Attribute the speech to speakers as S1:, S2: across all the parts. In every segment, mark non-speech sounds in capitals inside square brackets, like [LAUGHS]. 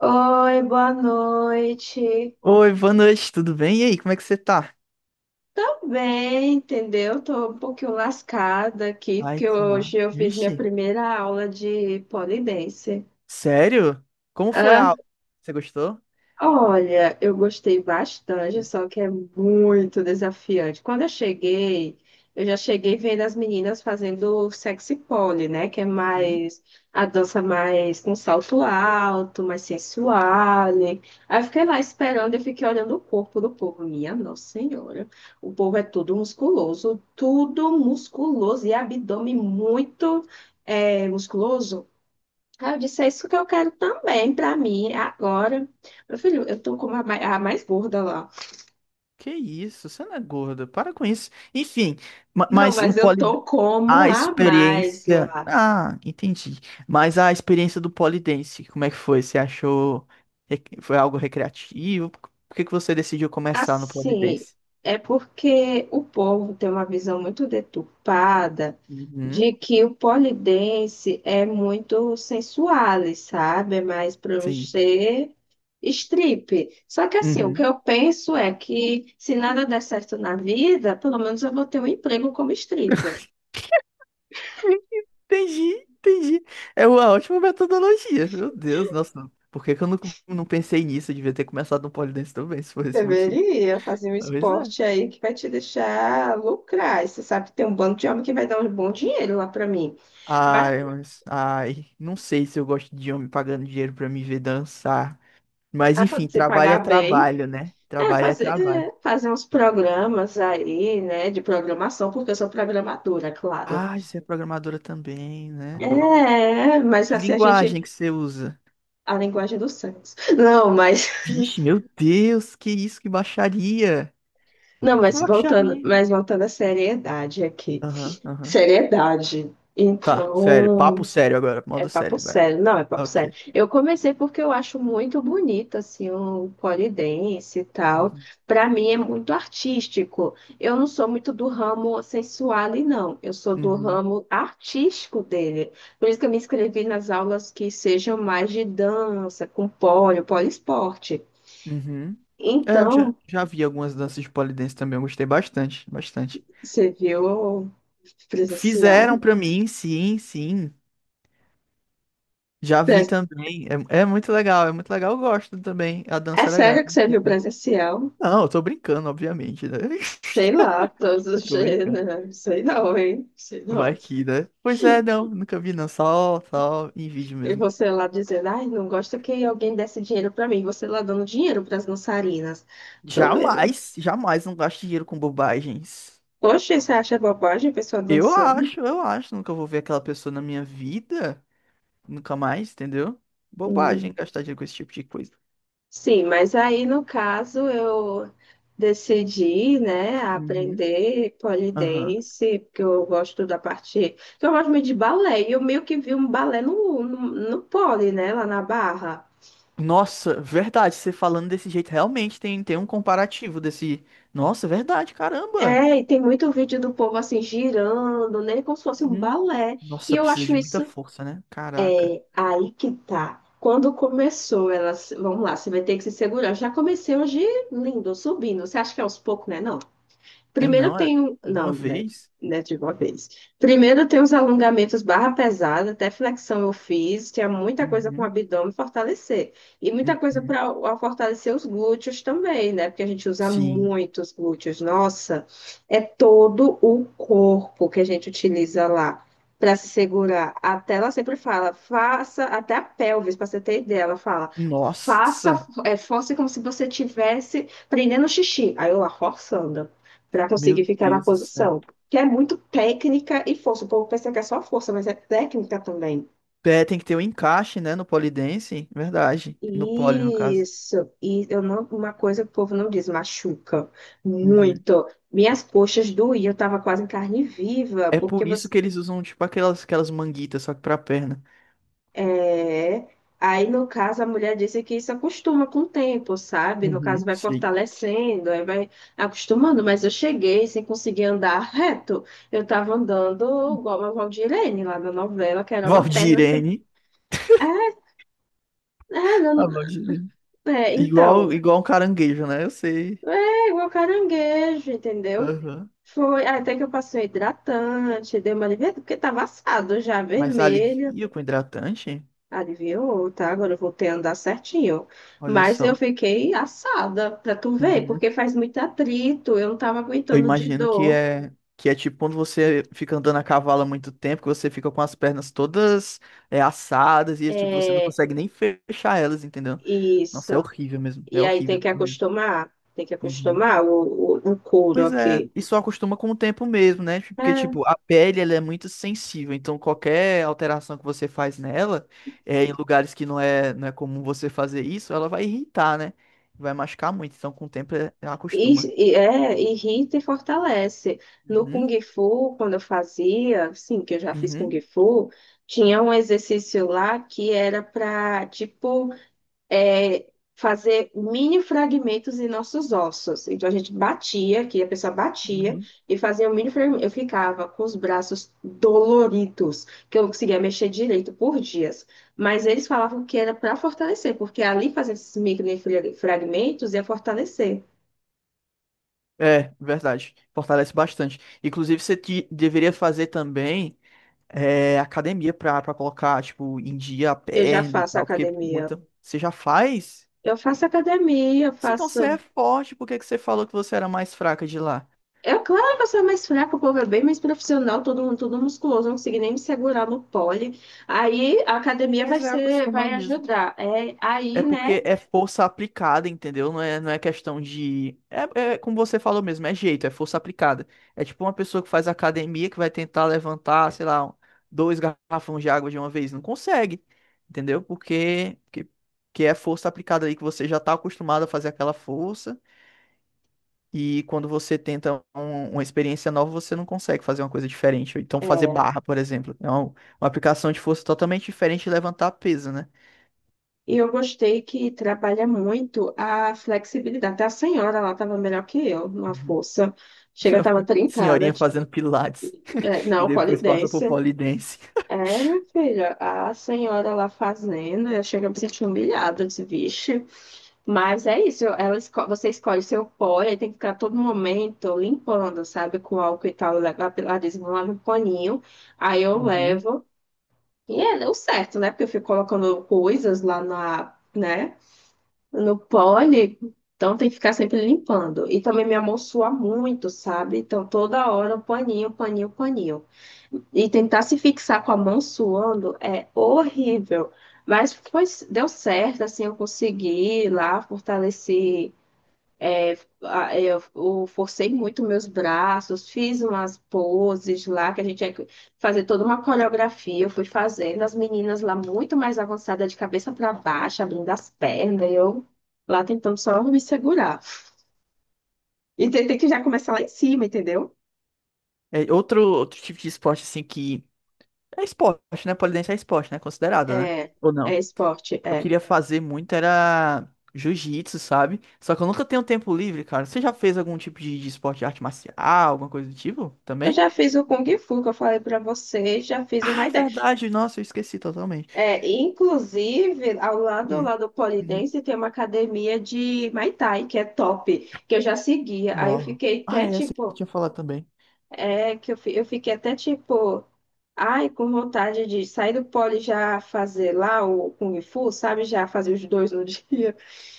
S1: Oi, boa noite.
S2: Oi, boa noite, tudo bem? E aí, como é que você tá?
S1: Também, entendeu? Tô um pouquinho lascada aqui,
S2: Ai,
S1: porque
S2: que mano.
S1: hoje eu fiz minha
S2: Vixe,
S1: primeira aula de pole dance.
S2: sério? Como foi a aula? Você gostou?
S1: Olha, eu gostei bastante, só que é muito desafiante. Quando eu cheguei, eu já cheguei vendo as meninas fazendo sexy pole, né? Que é
S2: Hum,
S1: mais a dança mais com salto alto, mais sensual. Aí eu fiquei lá esperando e fiquei olhando o corpo do povo. Minha Nossa Senhora, o povo é tudo musculoso e abdômen muito musculoso. Aí eu disse, é isso que eu quero também pra mim, agora. Meu filho, eu tô como a mais gorda lá.
S2: que isso, você não é gorda, para com isso. Enfim,
S1: Não,
S2: mas o
S1: mas eu
S2: poli...
S1: tô como
S2: a
S1: a mais
S2: experiência.
S1: lá.
S2: Ah, entendi. Mas a experiência do polidense, como é que foi? Você achou. Foi algo recreativo? Por que que você decidiu começar no
S1: Assim,
S2: polidense?
S1: é porque o povo tem uma visão muito deturpada de
S2: Uhum,
S1: que o polidense é muito sensual, e sabe? É mais
S2: sim.
S1: crochê, strip. Só que assim, o que
S2: Uhum.
S1: eu penso é que se nada der certo na vida, pelo menos eu vou ter um emprego como stripper.
S2: Entendi, entendi. É uma ótima metodologia. Meu Deus, nossa. Por que que eu não, Não pensei nisso? Eu devia ter começado no pole dance também, se for esse motivo.
S1: Deveria fazer um
S2: Talvez é.
S1: esporte aí que vai te deixar lucrar. E você sabe que tem um bando de homem que vai dar um bom dinheiro lá para mim. Mas
S2: Ai, mas. Ai, não sei se eu gosto de homem pagando dinheiro pra me ver dançar. Mas
S1: ah,
S2: enfim,
S1: quando você
S2: trabalho é
S1: pagar bem,
S2: trabalho, né? Trabalho é trabalho.
S1: é, fazer uns programas aí, né, de programação, porque eu sou programadora, claro.
S2: Ai, você é programadora também, né?
S1: É, mas
S2: Que
S1: assim a gente.
S2: linguagem que você usa?
S1: A linguagem dos santos. Não, mas.
S2: Vixe, meu Deus, que isso, que baixaria!
S1: Não,
S2: Que baixaria!
S1: mas voltando à seriedade aqui.
S2: Aham, aham.
S1: Seriedade.
S2: Tá, sério, papo
S1: Então.
S2: sério agora,
S1: É
S2: modo
S1: papo
S2: sério, vai.
S1: sério, não, é papo sério.
S2: Ok.
S1: Eu comecei porque eu acho muito bonito, assim, o pole dance e tal.
S2: Uhum,
S1: Para mim é muito artístico. Eu não sou muito do ramo sensual, não. Eu sou do
S2: uhum,
S1: ramo artístico dele. Por isso que eu me inscrevi nas aulas que sejam mais de dança, com pole, poliesporte.
S2: uhum. É, eu já,
S1: Então,
S2: já vi algumas danças de pole dance também, eu gostei bastante, bastante.
S1: você viu o
S2: Fizeram
S1: presencial?
S2: pra mim, sim, sim. Já vi
S1: Pres-
S2: também. É, é muito legal, eu gosto também. A
S1: É
S2: dança é legal, é
S1: sério que você viu o
S2: bonita.
S1: presencial?
S2: Não, eu tô brincando, obviamente, né?
S1: Sei
S2: [LAUGHS]
S1: lá, todos
S2: Eu
S1: os
S2: tô brincando.
S1: gêneros. Sei não, hein? Sei
S2: Vai
S1: não.
S2: que, né? Pois é, não, nunca vi, não. Só em vídeo
S1: E
S2: mesmo.
S1: você lá dizendo, ai, não gosta que alguém desse dinheiro pra mim. Você lá dando dinheiro pras dançarinas. Tô...
S2: Jamais, jamais não gasto dinheiro com bobagens.
S1: Poxa, você acha bobagem a pessoa
S2: Eu
S1: dançando?
S2: acho, eu acho. Nunca vou ver aquela pessoa na minha vida. Nunca mais, entendeu? Bobagem
S1: Hum.
S2: gastar dinheiro com esse tipo de coisa.
S1: Sim, mas aí no caso eu decidi, né,
S2: Uhum.
S1: aprender pole
S2: Aham.
S1: dance porque eu gosto da parte. Porque Eu gosto muito de balé, e eu meio que vi um balé no pole, né, lá na Barra.
S2: Nossa, verdade, você falando desse jeito, realmente tem um comparativo desse. Nossa, verdade, caramba.
S1: É, e tem muito vídeo do povo assim girando, né? Como se fosse um
S2: Uhum.
S1: balé. E
S2: Nossa,
S1: eu
S2: precisa
S1: acho
S2: de muita
S1: isso.
S2: força, né? Caraca.
S1: É, aí que tá. Quando começou, elas. Vamos lá, você vai ter que se segurar. Já comecei hoje lindo, subindo. Você acha que é aos poucos, né? Não.
S2: É
S1: Primeiro
S2: não, é
S1: tem. Um,
S2: de uma
S1: Não, né,
S2: vez?
S1: né, de uma vez. Primeiro tem os alongamentos barra pesada, até flexão eu fiz, tinha muita coisa com o
S2: Uhum.
S1: abdômen fortalecer. E muita coisa
S2: Uhum.
S1: para fortalecer os glúteos também, né? Porque a gente usa
S2: Sim.
S1: muito os glúteos. Nossa, é todo o corpo que a gente utiliza lá para se segurar. Até ela sempre fala, faça, até a pelvis, para você ter ideia, ela fala, faça,
S2: Nossa,
S1: force como se você tivesse prendendo xixi. Aí eu lá, forçando para
S2: meu
S1: conseguir ficar na
S2: Deus do céu.
S1: posição. Que é muito técnica e força. O povo pensa que é só força, mas é técnica também.
S2: Pé tem que ter um encaixe, né, no polidense, verdade. No pole, no caso.
S1: Isso. E eu não, uma coisa que o povo não diz, machuca
S2: Uhum.
S1: muito. Minhas coxas doíam, eu estava quase em carne viva,
S2: É
S1: porque
S2: por isso que eles usam, tipo, aquelas manguitas, só que pra perna.
S1: É, aí no caso a mulher disse que isso acostuma com o tempo, sabe? No caso
S2: Uhum,
S1: vai
S2: sim.
S1: fortalecendo, aí vai acostumando, mas eu cheguei sem conseguir andar reto. Eu tava andando igual a Valdirene lá na novela, que era uma perna assim.
S2: Valdirene.
S1: É, é,
S2: [LAUGHS]
S1: não-
S2: A Valdirene.
S1: é,
S2: Igual,
S1: então,
S2: igual um caranguejo, né? Eu sei.
S1: é igual caranguejo, entendeu?
S2: Aham.
S1: Foi até que eu passei um hidratante, dei uma aliviada, porque tava assado já,
S2: Mas
S1: vermelho.
S2: alivia com hidratante?
S1: Adivinhou, tá? Agora eu voltei a andar certinho.
S2: Olha
S1: Mas eu
S2: só.
S1: fiquei assada, pra tu ver,
S2: Uhum.
S1: porque faz muito atrito, eu não tava
S2: Eu
S1: aguentando de
S2: imagino que
S1: dor.
S2: é que é tipo quando você fica andando a cavalo há muito tempo, que você fica com as pernas todas, é, assadas e tipo, você não
S1: É,
S2: consegue nem fechar elas, entendeu? Nossa, é
S1: isso.
S2: horrível mesmo. É
S1: E aí
S2: horrível, horrível.
S1: tem que
S2: Uhum.
S1: acostumar o couro
S2: Pois é,
S1: aqui.
S2: e só acostuma com o tempo mesmo, né? Tipo, porque,
S1: É,
S2: tipo, a pele, ela é muito sensível, então qualquer alteração que você faz nela, é, em lugares que não é comum você fazer isso, ela vai irritar, né? Vai machucar muito, então com o tempo ela
S1: e,
S2: acostuma.
S1: é, irrita e fortalece. No
S2: Uhum,
S1: Kung Fu, quando eu fazia, sim, que eu já fiz Kung
S2: uhum,
S1: Fu, tinha um exercício lá que era pra, tipo, é, fazer mini fragmentos em nossos ossos. Então a gente batia, que a pessoa batia
S2: uhum.
S1: e fazia um mini fragmento. Eu ficava com os braços doloridos, que eu não conseguia mexer direito por dias. Mas eles falavam que era para fortalecer, porque ali fazendo esses micro fragmentos ia fortalecer.
S2: É, verdade, fortalece bastante. Inclusive, você deveria fazer também, é, academia pra, pra colocar, tipo, em dia a
S1: Eu já
S2: perna e
S1: faço
S2: tal, porque
S1: academia.
S2: muita... Você já faz?
S1: Eu faço academia, eu
S2: Se então você é
S1: faço.
S2: forte, por que que você falou que você era mais fraca de lá?
S1: É claro, uma pessoa mais fraca, o povo é bem mais profissional, todo mundo, todo musculoso, não consegui nem me segurar no pole. Aí a academia
S2: Mas
S1: vai
S2: é
S1: ser,
S2: acostumar
S1: vai
S2: mesmo.
S1: ajudar. É, aí,
S2: É
S1: né?
S2: porque é força aplicada, entendeu? Não é questão de. É, é como você falou mesmo, é jeito, é força aplicada. É tipo uma pessoa que faz academia que vai tentar levantar, sei lá, dois garrafões de água de uma vez. Não consegue, entendeu? Porque que é força aplicada ali que você já tá acostumado a fazer aquela força. E quando você tenta uma experiência nova, você não consegue fazer uma coisa diferente. Ou então, fazer
S1: é,
S2: barra, por exemplo, é uma aplicação de força totalmente diferente de levantar peso, né?
S1: e eu gostei que trabalha muito a flexibilidade. Até a senhora lá estava melhor que eu, numa
S2: Uhum.
S1: força. Chega, estava
S2: [LAUGHS]
S1: trincada.
S2: Senhorinha
S1: Tipo,
S2: fazendo pilates
S1: É,
S2: e
S1: não, pole
S2: depois passa por
S1: dance.
S2: polidense.
S1: É, minha filha, a senhora lá fazendo, eu chego a me sentir humilhada, eu disse, vixe. Mas é isso, você escolhe seu pó e aí tem que ficar a todo momento limpando, sabe? Com álcool e tal. Eu levo a Pilates, não lava um paninho, aí eu
S2: Uhum.
S1: levo. E é o certo, né? Porque eu fico colocando coisas lá na, né? No pole, então tem que ficar sempre limpando. E também minha mão sua muito, sabe? Então toda hora o paninho, paninho, paninho. E tentar se fixar com a mão suando é horrível. Mas foi, deu certo, assim, eu consegui ir lá fortalecer Eu forcei muito meus braços, fiz umas poses lá, que a gente tinha que fazer toda uma coreografia. Eu fui fazendo, as meninas lá muito mais avançadas, de cabeça para baixo, abrindo as pernas, e eu lá tentando só me segurar. E tem que já começar lá em cima, entendeu?
S2: É outro, outro tipo de esporte, assim, que é esporte, né? Polidense é esporte, né? Considerado, né?
S1: É,
S2: Ou
S1: é
S2: não?
S1: esporte,
S2: Eu
S1: é.
S2: queria fazer muito era jiu-jitsu, sabe? Só que eu nunca tenho tempo livre, cara. Você já fez algum tipo de esporte de arte marcial, alguma coisa do tipo
S1: Eu
S2: também?
S1: já fiz o Kung Fu, que eu falei para vocês, já fiz uma
S2: Ah,
S1: ideia.
S2: verdade. Nossa, eu esqueci totalmente.
S1: É, inclusive, ao
S2: Hum.
S1: lado do
S2: Uhum.
S1: Polidense tem uma academia de Muay Thai, que é top, que eu já seguia. Aí eu
S2: Nó.
S1: fiquei
S2: Ah,
S1: até
S2: é, essa que eu
S1: tipo,
S2: tinha falado também.
S1: eu fiquei até tipo, ai, com vontade de sair do Poli e já fazer lá o Kung Fu, sabe? Já fazer os dois no [LAUGHS] dia.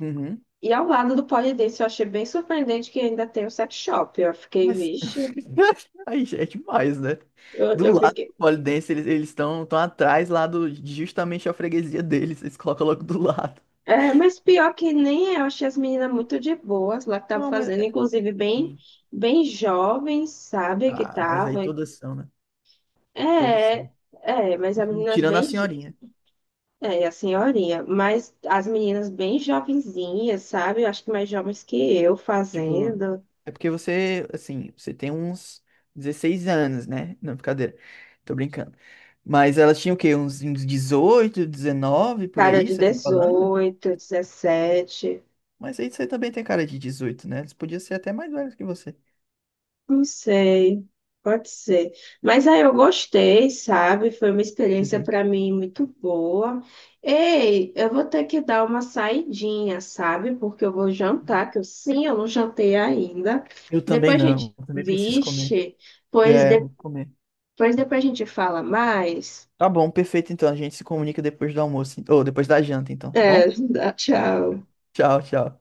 S2: Uhum.
S1: E ao lado do Polidense eu achei bem surpreendente que ainda tem o sex shop. Eu fiquei,
S2: Mas.
S1: vixe,
S2: [LAUGHS] Aí já é demais, né? Do
S1: eu
S2: lado
S1: fiquei.
S2: do pole dance, eles estão tão atrás lá do, de justamente a freguesia deles. Eles colocam logo do lado.
S1: É, mas pior que nem é, eu achei as meninas muito de boas lá que estavam
S2: Não, mas.
S1: fazendo, inclusive bem,
S2: Sim.
S1: bem jovens, sabe, que
S2: Ah, mas aí
S1: estavam.
S2: todas são, né? Todas
S1: É,
S2: são.
S1: mas as meninas
S2: Tirando a
S1: bem,
S2: senhorinha.
S1: é, a senhorinha, mas as meninas bem jovenzinhas, sabe? Eu acho que mais jovens que eu
S2: Tipo,
S1: fazendo,
S2: é porque você, assim, você tem uns 16 anos, né? Não, brincadeira. Tô brincando. Mas elas tinham o quê? Uns 18, 19, por
S1: cara
S2: aí,
S1: de
S2: você tá falando?
S1: 18 17.
S2: Mas aí você também tem cara de 18, né? Eles podiam ser até mais velhos que você.
S1: Não sei, pode ser. Mas aí eu gostei, sabe? Foi uma experiência
S2: Uhum.
S1: para mim muito boa. Ei, eu vou ter que dar uma saidinha, sabe? Porque eu vou jantar, que eu sim, eu não jantei ainda.
S2: Eu também
S1: Depois a gente,
S2: não. Eu também preciso comer.
S1: vixe, pois
S2: É, vou comer.
S1: depois a gente fala mais.
S2: Tá bom, perfeito. Então a gente se comunica depois do almoço. Ou depois da janta, então, tá
S1: É,
S2: bom?
S1: [LAUGHS] tchau.
S2: Tchau, tchau.